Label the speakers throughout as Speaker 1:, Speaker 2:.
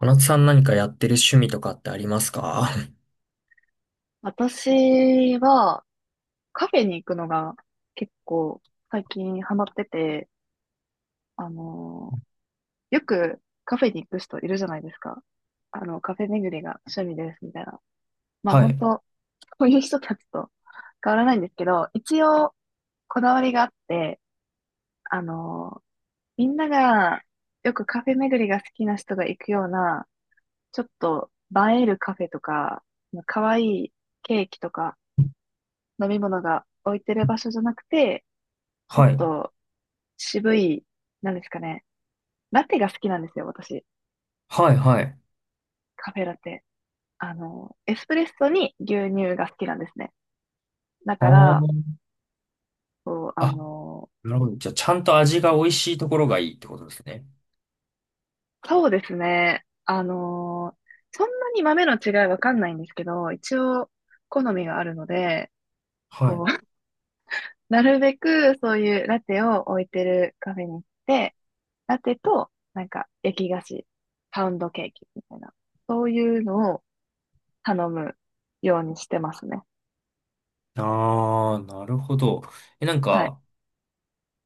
Speaker 1: 小夏さん何かやってる趣味とかってありますか？
Speaker 2: 私はカフェに行くのが結構最近ハマってて、あのーよくカフェに行く人いるじゃないですか。あの、カフェ巡りが趣味ですみたいな。まあ
Speaker 1: は
Speaker 2: 本
Speaker 1: い。
Speaker 2: 当、そういう人たちと変わらないんですけど、一応こだわりがあって、あのーみんながよくカフェ巡りが好きな人が行くような、ちょっと映えるカフェとか、可愛いケーキとか飲み物が置いてる場所じゃなくて、もっ
Speaker 1: はい。
Speaker 2: と渋い、なんですかね。ラテが好きなんですよ、私。
Speaker 1: はい。はい。
Speaker 2: カフェラテ。あの、エスプレッソに牛乳が好きなんですね。だ
Speaker 1: あ
Speaker 2: から、
Speaker 1: ー
Speaker 2: そう、あ
Speaker 1: あ、
Speaker 2: の、
Speaker 1: なるほど。じゃあ、ちゃんと味が美味しいところがいいってことですね。
Speaker 2: そうですね。あの、そんなに豆の違いわかんないんですけど、一応、好みがあるので、
Speaker 1: は
Speaker 2: こう、
Speaker 1: い。
Speaker 2: なるべくそういうラテを置いてるカフェに行って、ラテと、なんか、焼き菓子、パウンドケーキみたいな、そういうのを頼むようにしてますね。
Speaker 1: ああ、なるほど。え、なん
Speaker 2: はい。
Speaker 1: か、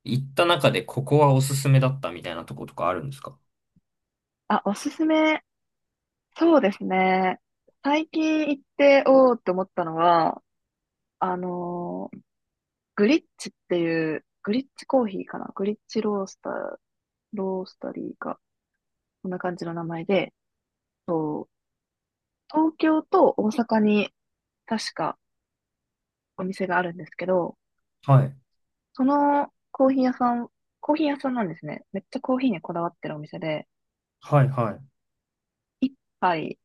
Speaker 1: 行った中でここはおすすめだったみたいなとことかあるんですか？
Speaker 2: あ、おすすめ。そうですね。最近行って、おーって思ったのは、あのーグリッチっていう、グリッチコーヒーかなグリッチロースター、ロースタリーか。こんな感じの名前で、そう東京と大阪に確かお店があるんですけど、
Speaker 1: はい。
Speaker 2: そのコーヒー屋さん、コーヒー屋さんなんですね。めっちゃコーヒーにこだわってるお店で、
Speaker 1: はい。は
Speaker 2: 一杯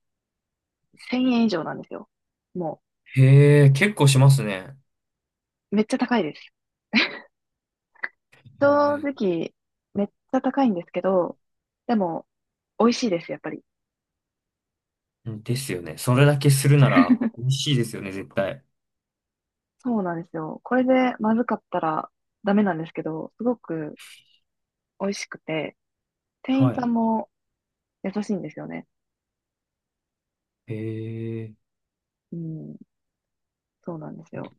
Speaker 2: 1000円以上なんですよ。も
Speaker 1: い。へえ、結構しますね。
Speaker 2: う、めっちゃ高いです。
Speaker 1: へ
Speaker 2: 正
Speaker 1: ー。
Speaker 2: 直、めっちゃ高いんですけど、でも、美味しいです、やっぱり。
Speaker 1: ですよね。それだけするなら美味しいですよね、絶対。
Speaker 2: そうなんですよ。これでまずかったらダメなんですけど、すごく美味しくて、店員
Speaker 1: は
Speaker 2: さ
Speaker 1: い。
Speaker 2: んも優しいんですよね。
Speaker 1: へえ、
Speaker 2: うん、そうなんですよ。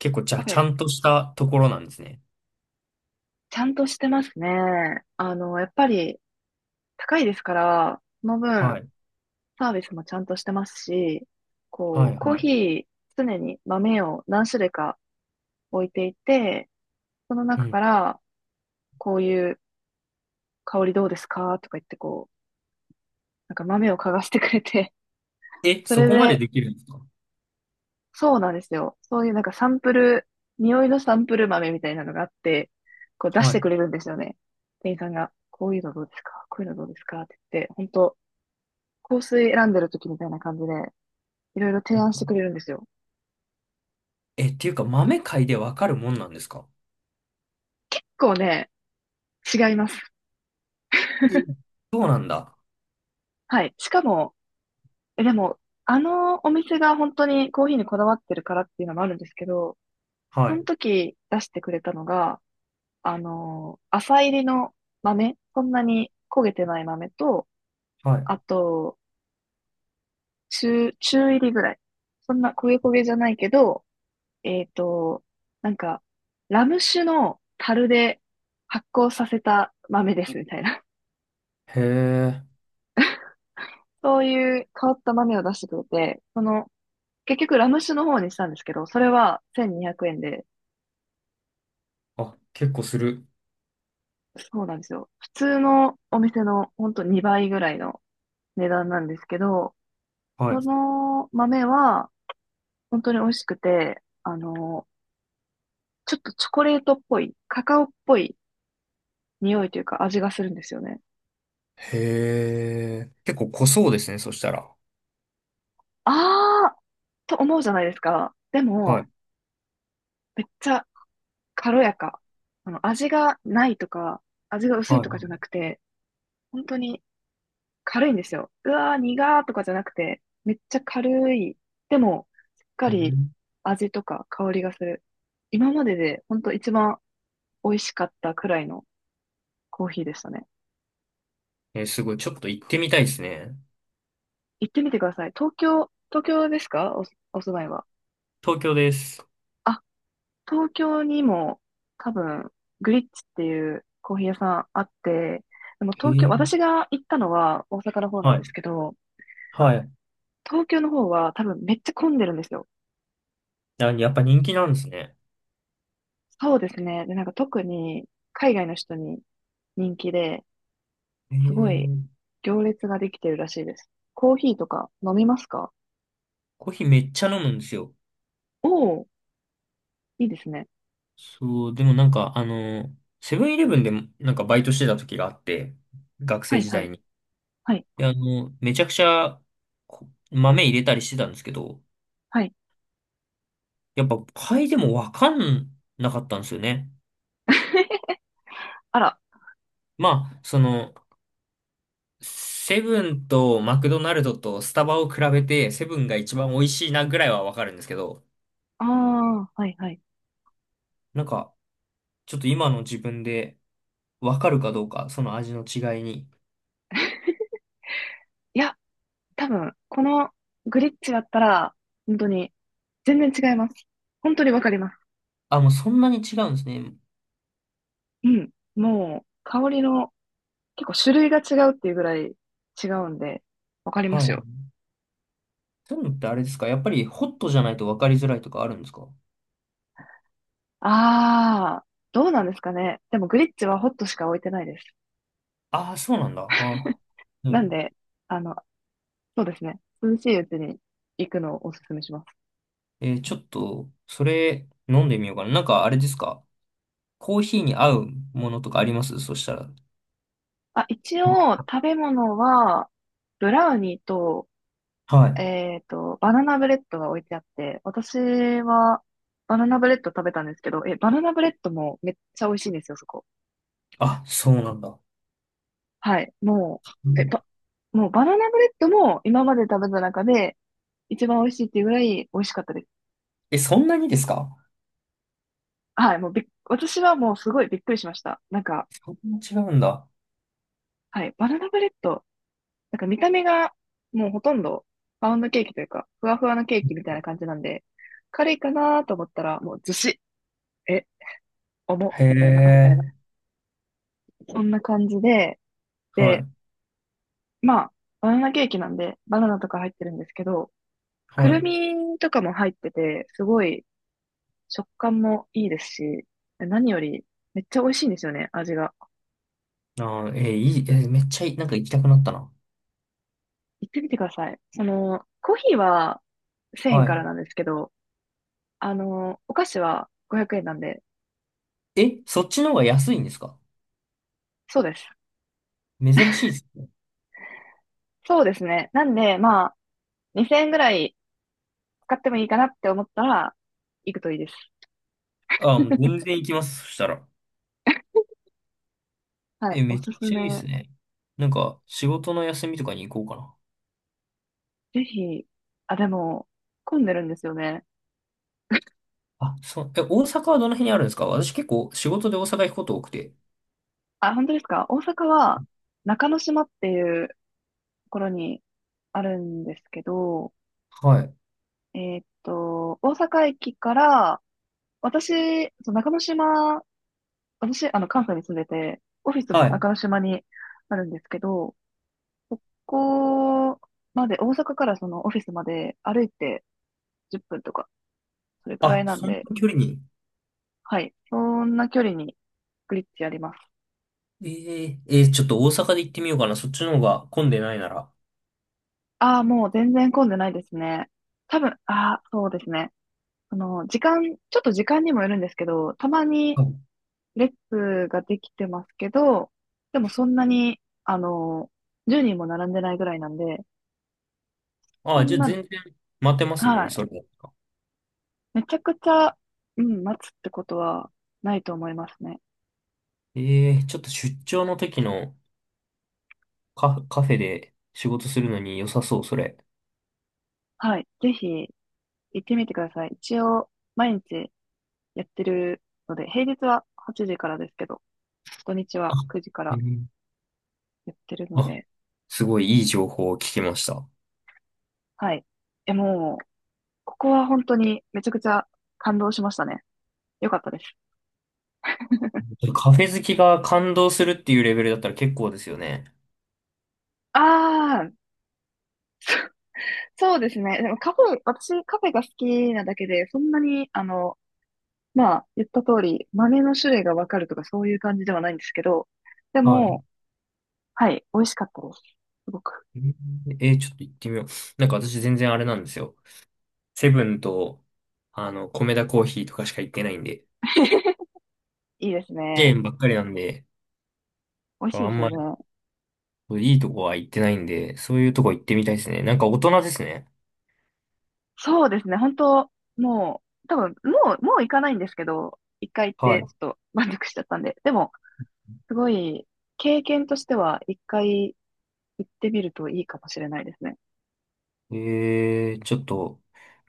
Speaker 1: 結構じゃ
Speaker 2: カ
Speaker 1: あ、
Speaker 2: フ
Speaker 1: ち
Speaker 2: ェ、
Speaker 1: ゃんとしたところなんですね。
Speaker 2: ちゃんとしてますね。あの、やっぱり高いですから、その
Speaker 1: は
Speaker 2: 分、
Speaker 1: い。
Speaker 2: サービスもちゃんとしてますし、
Speaker 1: は
Speaker 2: こう、
Speaker 1: い。
Speaker 2: コー
Speaker 1: は
Speaker 2: ヒ
Speaker 1: い。
Speaker 2: ー、常に豆を何種類か置いていて、その
Speaker 1: う
Speaker 2: 中か
Speaker 1: ん。
Speaker 2: ら、こういう香りどうですかとか言ってこう、なんか豆を嗅がしてくれて、
Speaker 1: え、
Speaker 2: そ
Speaker 1: そ
Speaker 2: れ
Speaker 1: こまで
Speaker 2: で、
Speaker 1: できるんですか？
Speaker 2: そうなんですよ。そういうなんかサンプル、匂いのサンプル豆みたいなのがあって、こう出し
Speaker 1: は
Speaker 2: て
Speaker 1: い。
Speaker 2: くれるんですよね。店員さんが、こういうのどうですかこういうのどうですかって言って、本当香水選んでる時みたいな感じで、いろいろ提
Speaker 1: う
Speaker 2: 案してくれ
Speaker 1: ん。
Speaker 2: るんですよ。
Speaker 1: え、っていうか、豆買いでわかるもんなんですか？
Speaker 2: 結構ね、違います。
Speaker 1: え、そうなんだ。
Speaker 2: はい。しかも、え、でも、あのお店が本当にコーヒーにこだわってるからっていうのもあるんですけど、
Speaker 1: は
Speaker 2: そ
Speaker 1: い。
Speaker 2: の時出してくれたのが、あの、浅入りの豆、そんなに焦げてない豆と、
Speaker 1: はい。
Speaker 2: あと、中入りぐらい。そんな焦げ焦げじゃないけど、えっと、なんか、ラム酒の樽で発酵させた豆ですみたいな。
Speaker 1: へえ。
Speaker 2: そういう変わった豆を出してくれて、その、結局ラム酒の方にしたんですけど、それは1200円で、
Speaker 1: あ、結構する。
Speaker 2: そうなんですよ。普通のお店のほんと2倍ぐらいの値段なんですけど、
Speaker 1: はい。
Speaker 2: その豆は、本当に美味しくて、あの、ちょっとチョコレートっぽい、カカオっぽい匂いというか味がするんですよね。
Speaker 1: へえ。結構濃そうですね、そしたら。
Speaker 2: あーと思うじゃないですか。で
Speaker 1: は
Speaker 2: も、
Speaker 1: い。
Speaker 2: めっちゃ軽やか。あの、味がないとか、味が薄い
Speaker 1: は
Speaker 2: とかじゃ
Speaker 1: い。
Speaker 2: なくて、本当に軽いんですよ。うわー、苦ーとかじゃなくて、めっちゃ軽い。でも、しっか
Speaker 1: う
Speaker 2: り
Speaker 1: ん。
Speaker 2: 味とか香りがする。今までで本当一番美味しかったくらいのコーヒーでしたね。
Speaker 1: えすごい。ちょっと行ってみたいですね。
Speaker 2: 行ってみてください。東京ですかお、お住まいは。
Speaker 1: 東京です。
Speaker 2: あ、東京にも多分、グリッチっていうコーヒー屋さんあって、でも
Speaker 1: へ
Speaker 2: 東京、
Speaker 1: え。
Speaker 2: 私が行ったのは大阪の方な
Speaker 1: は
Speaker 2: んで
Speaker 1: い。
Speaker 2: すけど、
Speaker 1: はい。
Speaker 2: 東京の方は多分めっちゃ混んでるんですよ。
Speaker 1: あ、やっぱ人気なんですね。
Speaker 2: そうですね。で、なんか特に海外の人に人気で、
Speaker 1: へ
Speaker 2: すごい
Speaker 1: え。
Speaker 2: 行列ができてるらしいです。コーヒーとか飲みますか
Speaker 1: コーヒーめっちゃ飲むんですよ。
Speaker 2: おおー、いいですね。
Speaker 1: そう、でもなんか、セブンイレブンでもなんかバイトしてた時があって、学
Speaker 2: は
Speaker 1: 生
Speaker 2: い
Speaker 1: 時
Speaker 2: は
Speaker 1: 代
Speaker 2: い、
Speaker 1: に。
Speaker 2: はい、
Speaker 1: で、めちゃくちゃこ豆入れたりしてたんですけど、
Speaker 2: はい。
Speaker 1: やっぱ買いでもわかんなかったんですよね。
Speaker 2: あら、
Speaker 1: まあ、その、セブンとマクドナルドとスタバを比べて、セブンが一番美味しいなぐらいはわかるんですけど、
Speaker 2: ああ、はいはい。
Speaker 1: なんか、ちょっと今の自分でわかるかどうか、その味の違いに。
Speaker 2: いや多分、このグリッチだったら、本当に、全然違います。本当にわかります。
Speaker 1: あ、もうそんなに違うんですね。
Speaker 2: うん。もう、香りの、結構種類が違うっていうぐらい違うんで、わかりま
Speaker 1: は
Speaker 2: すよ。
Speaker 1: い。そういうのってあれですか？やっぱりホットじゃないと分かりづらいとかあるんですか？
Speaker 2: あー、どうなんですかね。でもグリッチはホットしか置いてないです。
Speaker 1: ああー、そうなんだ。あ、う
Speaker 2: なん
Speaker 1: ん。
Speaker 2: で、あの、そうですね。涼しいうちに行くのをおすすめします。
Speaker 1: えーちょっと、それ飲んでみようかな。なんかあれですか？コーヒーに合うものとかありますそしたら。
Speaker 2: あ、一応、食べ物は、ブラウニーと、
Speaker 1: はい。
Speaker 2: バナナブレッドが置いてあって、私はバナナブレッド食べたんですけど、え、バナナブレッドもめっちゃ美味しいんですよ、そこ。
Speaker 1: あ、そうなんだ。
Speaker 2: はい。も
Speaker 1: う
Speaker 2: う、
Speaker 1: ん。
Speaker 2: もうバナナブレッドも今まで食べた中で一番美味しいっていうぐらい美味しかったです。
Speaker 1: え、そんなにですか？
Speaker 2: はい。もうびっ、私はもうすごいびっくりしました。なんか、
Speaker 1: そんな違うんだ。
Speaker 2: はい。バナナブレッド、なんか見た目がもうほとんどパウンドケーキというか、ふわふわのケーキみたいな感じなんで、軽いかなと思ったらもうずし、え、重っ、
Speaker 1: へ
Speaker 2: みたいな、あ
Speaker 1: え。
Speaker 2: そんな感じで、
Speaker 1: は
Speaker 2: で、
Speaker 1: い。
Speaker 2: まあ、バナナケーキなんで、バナナとか入ってるんですけど、く
Speaker 1: は
Speaker 2: る
Speaker 1: い。
Speaker 2: みとかも入ってて、すごい食感もいいですし、何よりめっちゃ美味しいんですよね、味が。
Speaker 1: あー、えーいい、えーめっちゃいい、なんか行きたくなったな。
Speaker 2: 行ってみてください。その、コーヒーは1000円
Speaker 1: は
Speaker 2: から
Speaker 1: い。
Speaker 2: なんですけど、あの、お菓子は500円なんで、
Speaker 1: え、そっちの方が安いんですか？
Speaker 2: そうです。
Speaker 1: 珍しいですね。
Speaker 2: そうですね。なんで、まあ、2000円ぐらい使ってもいいかなって思ったら、行くといいです。
Speaker 1: あー、もう全然行きます。そしたら。
Speaker 2: はい、
Speaker 1: え、
Speaker 2: お
Speaker 1: めち
Speaker 2: す
Speaker 1: ゃ
Speaker 2: す
Speaker 1: くちゃ
Speaker 2: め。
Speaker 1: いいですね。なんか、仕事の休みとかに行こうかな。
Speaker 2: ぜひ、あ、でも、混んでるんですよね。
Speaker 1: あ、そう、え、大阪はどの辺にあるんですか？私結構仕事で大阪行くこと多くて。
Speaker 2: あ、本当ですか大阪は中之島っていうところにあるんですけど、
Speaker 1: はい。
Speaker 2: えーっと、大阪駅から、私、そう中之島、私、あの、関西に住んでて、オフィス
Speaker 1: は
Speaker 2: も
Speaker 1: い。
Speaker 2: 中之島にあるんですけど、ここまで、大阪からそのオフィスまで歩いて10分とか、それくら
Speaker 1: あ、
Speaker 2: いなん
Speaker 1: そんな
Speaker 2: で、
Speaker 1: 距離に。
Speaker 2: はい、そんな距離にグリッチあります。
Speaker 1: えええーちょっと大阪で行ってみようかな。そっちの方が混んでないなら。
Speaker 2: ああ、もう全然混んでないですね。多分、ああ、そうですね。ちょっと時間にもよるんですけど、たまに
Speaker 1: はい。
Speaker 2: 列ができてますけど、でもそんなに、あの、10人も並んでないぐらいなんで、そ
Speaker 1: あ、じ
Speaker 2: ん
Speaker 1: ゃあ
Speaker 2: な、
Speaker 1: 全然待てますもん
Speaker 2: は
Speaker 1: ね、
Speaker 2: い。
Speaker 1: それだったら。
Speaker 2: めちゃくちゃ、うん、待つってことはないと思いますね。
Speaker 1: ええちょっと出張の時のカフ、カフェで仕事するのに良さそう、それ。
Speaker 2: はい。ぜひ行ってみてください。一応、毎日やってるので、平日は8時からですけど、土日
Speaker 1: あ、
Speaker 2: は9時か
Speaker 1: え
Speaker 2: ら
Speaker 1: ー、
Speaker 2: やってるの
Speaker 1: あ、
Speaker 2: で、
Speaker 1: すごいいい情報を聞きました。
Speaker 2: はい。え、もう、ここは本当にめちゃくちゃ感動しましたね。よかったです。
Speaker 1: カフェ好きが感動するっていうレベルだったら結構ですよね。
Speaker 2: ああ、そうですね。でもカフェ、私カフェが好きなだけで、そんなに、あの、まあ、言った通り、豆の種類がわかるとかそういう感じではないんですけど、で
Speaker 1: はい。
Speaker 2: も、はい、美味しかったです。すごく。
Speaker 1: えー、ちょっと行ってみよう。なんか私全然あれなんですよ。セブンと、コメダコーヒーとかしか行ってないんで、
Speaker 2: いいです
Speaker 1: チェ
Speaker 2: ね。
Speaker 1: ーンばっかりなんで、
Speaker 2: 美味しい
Speaker 1: あ
Speaker 2: です
Speaker 1: ん
Speaker 2: よ
Speaker 1: ま
Speaker 2: ね。
Speaker 1: りいいとこは行ってないんで、そういうとこ行ってみたいですね。なんか大人ですね。
Speaker 2: そうですね。本当もう、もう行かないんですけど、一回行って、ち
Speaker 1: は
Speaker 2: ょっと満足しちゃったんで。でも、すごい、経験としては、一回行ってみるといいかもしれないですね。
Speaker 1: い。えー、ちょっと、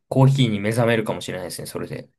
Speaker 1: コーヒーに目覚めるかもしれないですね、それで。